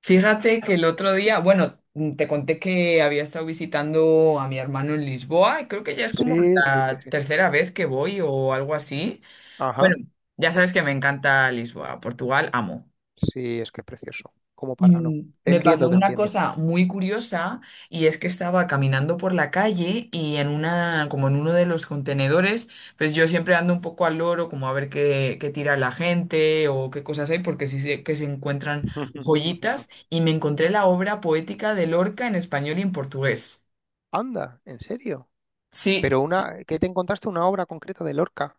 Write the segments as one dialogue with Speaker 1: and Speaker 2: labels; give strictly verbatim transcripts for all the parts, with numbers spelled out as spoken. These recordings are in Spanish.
Speaker 1: Fíjate que el otro día, bueno, mm, te conté que había estado visitando a mi hermano en Lisboa y creo que ya es como
Speaker 2: Sí, sí,
Speaker 1: la tercera vez que voy o algo así.
Speaker 2: ajá.
Speaker 1: Bueno, ya sabes que me encanta Lisboa, Portugal, amo.
Speaker 2: Sí, es que es precioso. Como para no.
Speaker 1: Mm,
Speaker 2: Te
Speaker 1: Me pasó
Speaker 2: entiendo, te
Speaker 1: una
Speaker 2: entiendo.
Speaker 1: cosa muy curiosa y es que estaba caminando por la calle y en una, como en uno de los contenedores, pues yo siempre ando un poco al loro, como a ver qué, qué tira la gente o qué cosas hay, porque sí sé que se encuentran joyitas y me encontré la obra poética de Lorca en español y en portugués.
Speaker 2: Anda, ¿en serio?
Speaker 1: Sí,
Speaker 2: Pero una, ¿qué te encontraste una obra concreta de Lorca?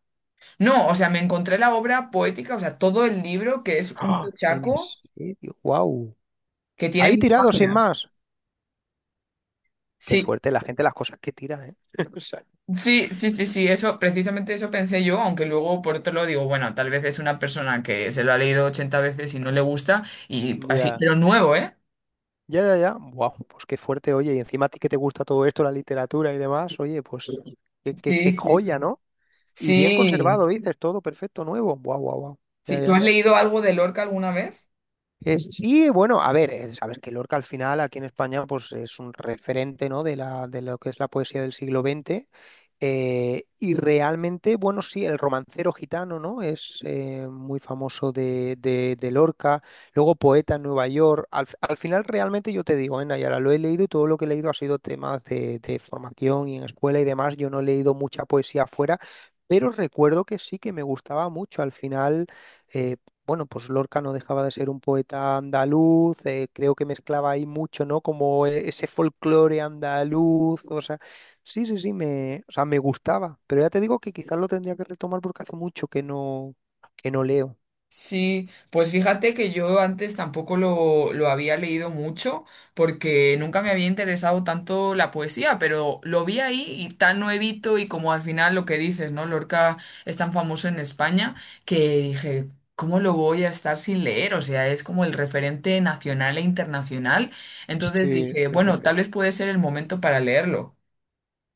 Speaker 1: no, o sea, me encontré la obra poética, o sea, todo el libro que es un
Speaker 2: ¡Ah! ¿En
Speaker 1: tochaco
Speaker 2: serio? ¡Wow!
Speaker 1: que tiene
Speaker 2: Ahí
Speaker 1: mil
Speaker 2: tirado sin
Speaker 1: páginas.
Speaker 2: más. Qué
Speaker 1: Sí.
Speaker 2: fuerte la gente las cosas que tira, ¿eh? O sea,
Speaker 1: Sí, sí, sí, sí, eso, precisamente eso pensé yo, aunque luego por otro lado digo, bueno, tal vez es una persona que se lo ha leído ochenta veces y no le gusta, y así,
Speaker 2: ya.
Speaker 1: pero nuevo, ¿eh?
Speaker 2: Ya, ya, ya. Wow, pues qué fuerte, oye. Y encima a ti que te gusta todo esto, la literatura y demás, oye, pues qué, qué-
Speaker 1: Sí,
Speaker 2: qué
Speaker 1: sí,
Speaker 2: joya,
Speaker 1: sí.
Speaker 2: ¿no? Y bien
Speaker 1: Sí,
Speaker 2: conservado, dices, todo perfecto, nuevo. Wow, wow, wow. Ya,
Speaker 1: sí. ¿Tú
Speaker 2: ya.
Speaker 1: has leído algo de Lorca alguna vez?
Speaker 2: Eh, sí, bueno, a ver, eh, sabes que Lorca al final aquí en España pues es un referente, ¿no?, de la, de lo que es la poesía del siglo veinte. Eh, y realmente, bueno, sí, el romancero gitano, ¿no? Es eh, muy famoso de, de- de Lorca. Luego poeta en Nueva York. Al, fi- al final realmente yo te digo, ¿eh?, Nayara, lo he leído y todo lo que he leído ha sido temas de, de formación y en escuela y demás. Yo no he leído mucha poesía afuera, pero recuerdo que sí que me gustaba mucho. Al final... eh, bueno, pues Lorca no dejaba de ser un poeta andaluz, eh, creo que mezclaba ahí mucho, ¿no? Como e- ese folclore andaluz, o sea, sí, sí, sí, me, o sea, me gustaba, pero ya te digo que quizás lo tendría que retomar porque hace mucho que no, que no leo.
Speaker 1: Sí, pues fíjate que yo antes tampoco lo, lo había leído mucho porque nunca me había interesado tanto la poesía, pero lo vi ahí y tan nuevito y como al final lo que dices, ¿no? Lorca es tan famoso en España que dije, ¿cómo lo voy a estar sin leer? O sea, es como el referente nacional e internacional. Entonces
Speaker 2: Sí,
Speaker 1: dije,
Speaker 2: sí, sí,
Speaker 1: bueno,
Speaker 2: sí.
Speaker 1: tal vez puede ser el momento para leerlo.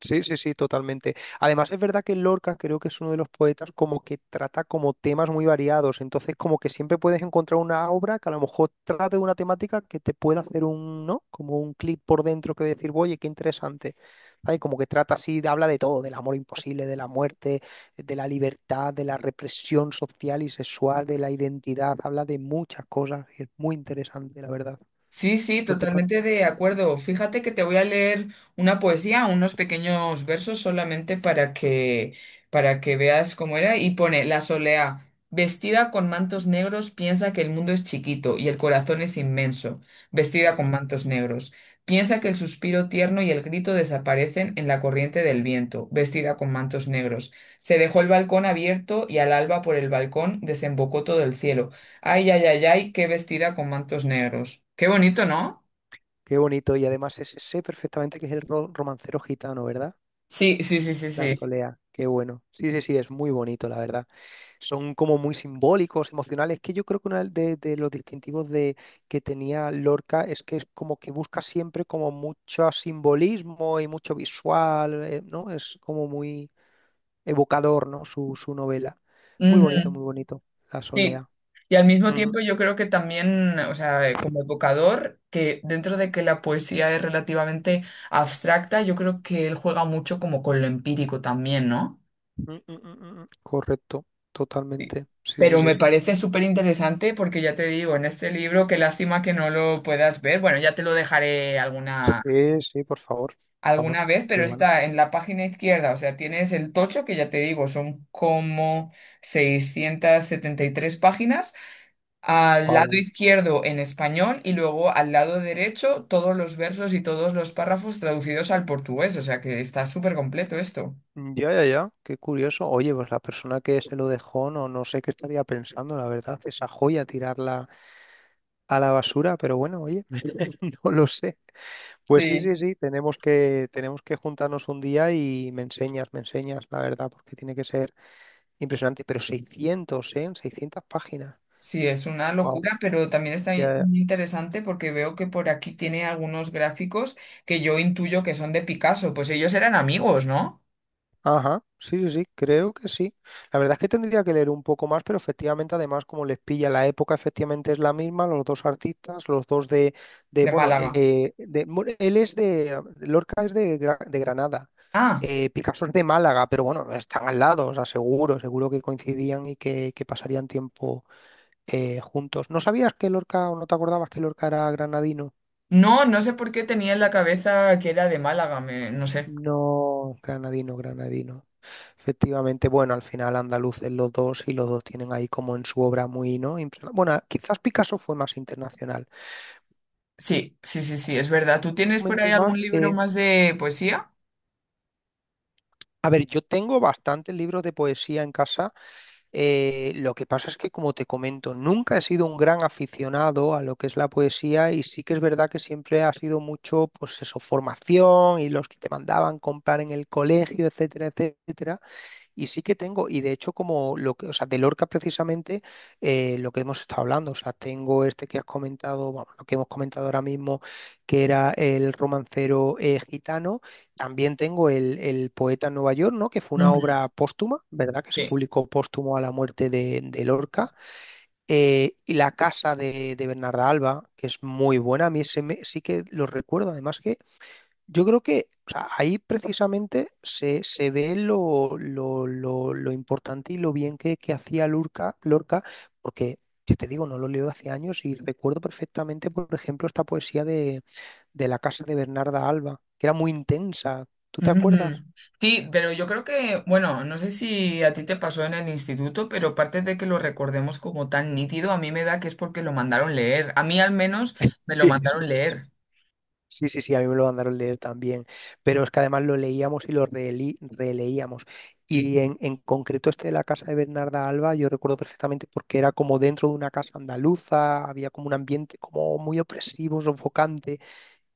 Speaker 2: Sí, sí, sí, totalmente. Además, es verdad que Lorca creo que es uno de los poetas como que trata como temas muy variados, entonces como que siempre puedes encontrar una obra que a lo mejor trate de una temática que te pueda hacer un, ¿no?, como un clic por dentro que decir, oye, qué interesante. ¿Sabes? Como que trata así, habla de todo, del amor imposible, de la muerte, de la libertad, de la represión social y sexual, de la identidad, habla de muchas cosas y es muy interesante, la verdad.
Speaker 1: Sí, sí,
Speaker 2: ¿No te parece?
Speaker 1: totalmente de acuerdo. Fíjate que te voy a leer una poesía, unos pequeños versos solamente para que para que veas cómo era y pone la solea vestida con mantos negros piensa que el mundo es chiquito y el corazón es inmenso, vestida con
Speaker 2: Ujú.
Speaker 1: mantos negros. Piensa que el suspiro tierno y el grito desaparecen en la corriente del viento, vestida con mantos negros. Se dejó el balcón abierto y al alba por el balcón desembocó todo el cielo. Ay, ay, ay, ay, qué vestida con mantos negros. Qué bonito, ¿no?
Speaker 2: Qué bonito, y además ese sé perfectamente que es el ro- romancero gitano, ¿verdad?
Speaker 1: Sí, sí, sí, sí,
Speaker 2: Las
Speaker 1: sí.
Speaker 2: poleas, qué bueno. Sí, sí, sí, es muy bonito, la verdad. Son como muy simbólicos, emocionales, que yo creo que uno de, de los distintivos de, que tenía Lorca es que es como que busca siempre como mucho simbolismo y mucho visual, eh, ¿no? Es como muy evocador, ¿no? Su, su novela. Es muy
Speaker 1: Ujú.
Speaker 2: bonito, muy bonito, La
Speaker 1: Sí.
Speaker 2: Solea.
Speaker 1: Y al mismo
Speaker 2: Ujú.
Speaker 1: tiempo yo creo que también, o sea, eh, como evocador, que dentro de que la poesía es relativamente abstracta, yo creo que él juega mucho como con lo empírico también, ¿no?
Speaker 2: Mm, mm, mm, mm, mm. Correcto,
Speaker 1: Sí.
Speaker 2: totalmente. Sí, sí,
Speaker 1: Pero me
Speaker 2: sí.
Speaker 1: parece súper interesante porque ya te digo, en este libro, qué lástima que no lo puedas ver. Bueno, ya te lo dejaré alguna
Speaker 2: Sí, sí, por favor, por favor.
Speaker 1: alguna vez,
Speaker 2: Qué
Speaker 1: pero
Speaker 2: bueno.
Speaker 1: está en la página izquierda, o sea, tienes el tocho, que ya te digo, son como seiscientas setenta y tres páginas, al lado
Speaker 2: Wow.
Speaker 1: izquierdo en español y luego al lado derecho todos los versos y todos los párrafos traducidos al portugués, o sea que está súper completo esto.
Speaker 2: Ya, ya, ya, qué curioso. Oye, pues la persona que se lo dejó, no, no sé qué estaría pensando, la verdad, esa joya tirarla a la basura, pero bueno, oye, no lo sé. Pues sí, sí,
Speaker 1: Sí.
Speaker 2: sí, tenemos que, tenemos que juntarnos un día y me enseñas, me enseñas, la verdad, porque tiene que ser impresionante. Pero seiscientos, ¿eh? Seiscientas páginas.
Speaker 1: Sí, es una
Speaker 2: Wow.
Speaker 1: locura, pero también está in- interesante porque veo que por aquí tiene algunos gráficos que yo intuyo que son de Picasso, pues ellos eran amigos, ¿no?
Speaker 2: Ajá, sí, sí, sí, creo que sí. La verdad es que tendría que leer un poco más, pero efectivamente, además, como les pilla la época, efectivamente es la misma, los dos artistas, los dos de, de
Speaker 1: De
Speaker 2: bueno,
Speaker 1: Málaga.
Speaker 2: eh, de- mu- él es de, Lorca es de, Gra- de Granada,
Speaker 1: Ah.
Speaker 2: eh, Picasso es de Málaga, pero bueno, están al lado, o sea, seguro, seguro que coincidían y que, que pasarían tiempo eh, juntos. ¿No sabías que Lorca, o no te acordabas que Lorca era granadino?
Speaker 1: No, no sé por qué tenía en la cabeza que era de Málaga, me- no sé.
Speaker 2: No, granadino, granadino. Efectivamente, bueno, al final andaluz es los dos y los dos tienen ahí como en su obra muy, ¿no? Imprena- Bueno, quizás Picasso fue más internacional.
Speaker 1: Sí, sí, sí, sí, es verdad. ¿Tú
Speaker 2: ¿Qué
Speaker 1: tienes por
Speaker 2: comentes
Speaker 1: ahí
Speaker 2: más?
Speaker 1: algún libro
Speaker 2: Eh,
Speaker 1: más de poesía?
Speaker 2: a ver, yo tengo bastantes libros de poesía en casa. Eh, lo que pasa es que, como te comento, nunca he sido un gran aficionado a lo que es la poesía y sí que es verdad que siempre ha sido mucho, pues eso, formación y los que te mandaban comprar en el colegio, etcétera, etcétera. Y sí que tengo, y de hecho como lo que, o sea, de Lorca precisamente eh, lo que hemos estado hablando, o sea, tengo este que has comentado, vamos, lo que hemos comentado ahora mismo, que era el romancero eh, gitano, también tengo el, el poeta en Nueva York, ¿no? Que fue una
Speaker 1: Ujú.
Speaker 2: obra póstuma, ¿verdad? Que se
Speaker 1: Sí.
Speaker 2: publicó póstumo a la muerte de, de Lorca. Eh, y La casa de, de Bernarda Alba, que es muy buena, a mí ese me- sí que lo recuerdo, además que yo creo que o sea, ahí precisamente se, se ve lo, lo- lo- lo importante y lo bien que, que hacía Lorca, Lorca, porque yo te digo, no lo leo hace años y recuerdo perfectamente, por ejemplo, esta poesía de, de La casa de Bernarda Alba, que era muy intensa. ¿Tú te acuerdas?
Speaker 1: Ujú. Sí, pero yo creo que, bueno, no sé si a ti te pasó en el instituto, pero aparte de que lo recordemos como tan nítido, a mí me da que es porque lo mandaron leer. A mí al menos me lo mandaron leer.
Speaker 2: Sí, sí, sí, a mí me lo mandaron leer también, pero es que además lo leíamos y lo releí- releíamos. Y en, en concreto este de la casa de Bernarda Alba, yo recuerdo perfectamente porque era como dentro de una casa andaluza, había como un ambiente como muy opresivo, sofocante.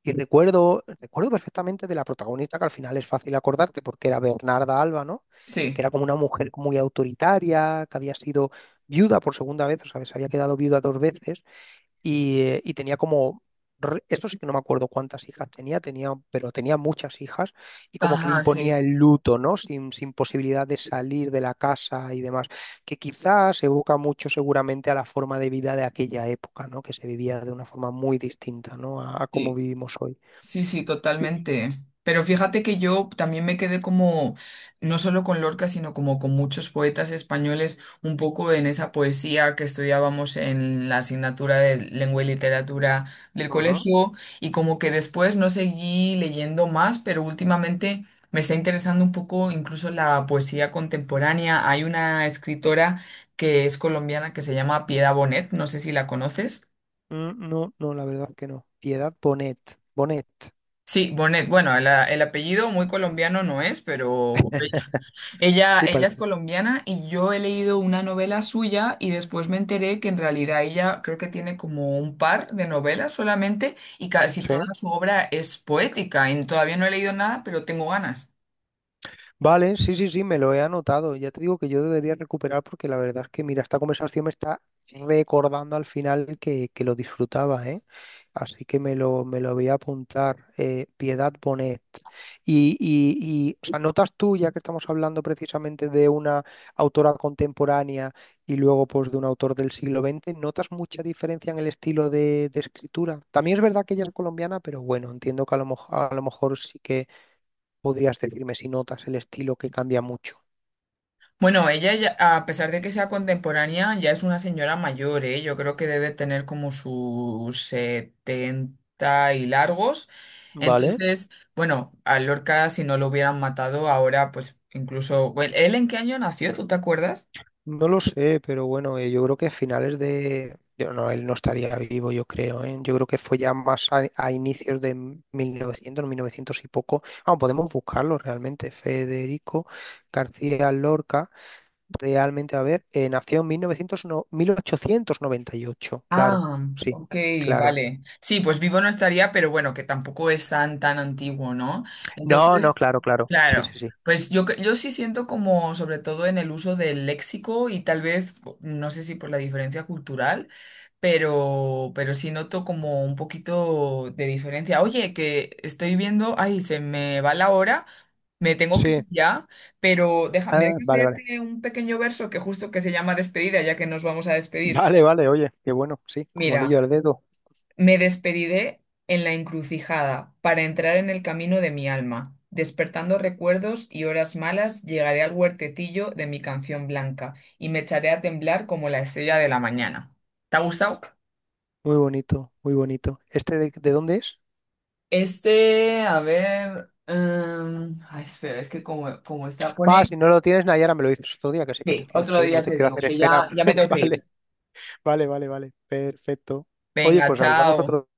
Speaker 2: Y recuerdo, recuerdo perfectamente de la protagonista, que al final es fácil acordarte porque era Bernarda Alba, ¿no? Que
Speaker 1: Sí.
Speaker 2: era como una mujer muy autoritaria, que había sido viuda por segunda vez, o sea, que se había quedado viuda dos veces y, eh, y tenía como, re- esto sí que no me acuerdo cuántas hijas tenía, tenía, pero tenía muchas hijas y como que le
Speaker 1: Ajá, sí.
Speaker 2: imponía el luto, ¿no? Sin, sin posibilidad de salir de la casa y demás, que quizás evoca mucho seguramente a la forma de vida de aquella época, ¿no? Que se vivía de una forma muy distinta, ¿no? A, a cómo
Speaker 1: Sí.
Speaker 2: vivimos hoy.
Speaker 1: Sí, sí,
Speaker 2: Y...
Speaker 1: totalmente. Pero fíjate que yo también me quedé como, no solo con Lorca, sino como con muchos poetas españoles, un poco en esa poesía que estudiábamos en la asignatura de lengua y literatura del
Speaker 2: Ujú.
Speaker 1: colegio, y como que después no seguí leyendo más, pero últimamente me está interesando un poco incluso la poesía contemporánea. Hay una escritora que es colombiana que se llama Piedad Bonet, no sé si la conoces.
Speaker 2: Mm, no, no, la verdad que no. Piedad Bonet, Bonet.
Speaker 1: Sí, Bonet. Bueno, la- el apellido muy colombiano no es, pero ella, ella
Speaker 2: Sí,
Speaker 1: ella es
Speaker 2: parece.
Speaker 1: colombiana y yo he leído una novela suya y después me enteré que en realidad ella creo que tiene como un par de novelas solamente y casi toda
Speaker 2: Sí.
Speaker 1: su obra es poética. Y todavía no he leído nada, pero tengo ganas.
Speaker 2: Vale, sí, sí, sí, me lo he anotado. Ya te digo que yo debería recuperar porque la verdad es que, mira, esta conversación me está recordando al final que, que lo disfrutaba, ¿eh? Así que me lo, me lo voy a apuntar. eh, Piedad Bonet. Y, y, y, o sea, notas tú, ya que estamos hablando precisamente de una autora contemporánea y luego pues de un autor del siglo veinte, ¿notas mucha diferencia en el estilo de, de escritura? También es verdad que ella es colombiana, pero bueno, entiendo que a lo, moj- a lo mejor sí podrías decirme si notas el estilo que cambia mucho.
Speaker 1: Bueno, ella, ya- a pesar de que sea contemporánea, ya es una señora mayor, ¿eh? Yo creo que debe tener como sus setenta y largos.
Speaker 2: ¿Vale?
Speaker 1: Entonces, bueno, a Lorca, si no lo hubieran matado ahora, pues incluso... bueno, ¿él en qué año nació? ¿Tú te acuerdas?
Speaker 2: No lo sé, pero bueno, eh, yo creo que finales de... Yo no, él no estaría vivo, yo creo, ¿eh? Yo creo que fue ya más a, a inicios de mil novecientos, mil novecientos y poco. Ah, podemos buscarlo realmente. Federico García Lorca, realmente, a ver, eh, nació en mil novecientos, no- mil ochocientos noventa y ocho, claro,
Speaker 1: Ah,
Speaker 2: sí,
Speaker 1: ok,
Speaker 2: claro.
Speaker 1: vale. Sí, pues vivo no estaría, pero bueno, que tampoco es tan, tan antiguo, ¿no?
Speaker 2: No, no,
Speaker 1: Entonces,
Speaker 2: claro, claro. Sí, sí,
Speaker 1: claro,
Speaker 2: sí.
Speaker 1: pues yo, cre- yo sí siento como, sobre todo en el uso del léxico y tal vez, no sé si por la diferencia cultural, pero, pero sí noto como un poquito de diferencia. Oye, que estoy viendo, ay, se me va la hora, me tengo que
Speaker 2: Sí.
Speaker 1: ir ya, pero déjame, ¿me
Speaker 2: Ah,
Speaker 1: dejas
Speaker 2: vale, vale.
Speaker 1: leerte un pequeño verso que justo que se llama despedida, ya que nos vamos a despedir?
Speaker 2: Vale, vale, oye, qué bueno, sí, como anillo
Speaker 1: Mira.
Speaker 2: al dedo.
Speaker 1: Me despedidé en la encrucijada para entrar en el camino de mi alma. Despertando recuerdos y horas malas, llegaré al huertecillo de mi canción blanca y me echaré a temblar como la estrella de la mañana. ¿Te ha gustado?
Speaker 2: Muy bonito, muy bonito. ¿Este de, de dónde es?
Speaker 1: Este, a ver. Em, ay, espera, es que como, como está.
Speaker 2: Ah,
Speaker 1: Pone.
Speaker 2: si no lo tienes, Nayara, me lo dices otro día, que sé que te
Speaker 1: Sí,
Speaker 2: tienes
Speaker 1: otro
Speaker 2: que ir, no
Speaker 1: día
Speaker 2: te
Speaker 1: te
Speaker 2: quiero
Speaker 1: digo,
Speaker 2: hacer
Speaker 1: que
Speaker 2: esperar.
Speaker 1: ya, ya me tengo que
Speaker 2: Vale,
Speaker 1: ir.
Speaker 2: vale, vale, vale. Perfecto. Oye,
Speaker 1: Venga,
Speaker 2: pues hablamos
Speaker 1: chao.
Speaker 2: otro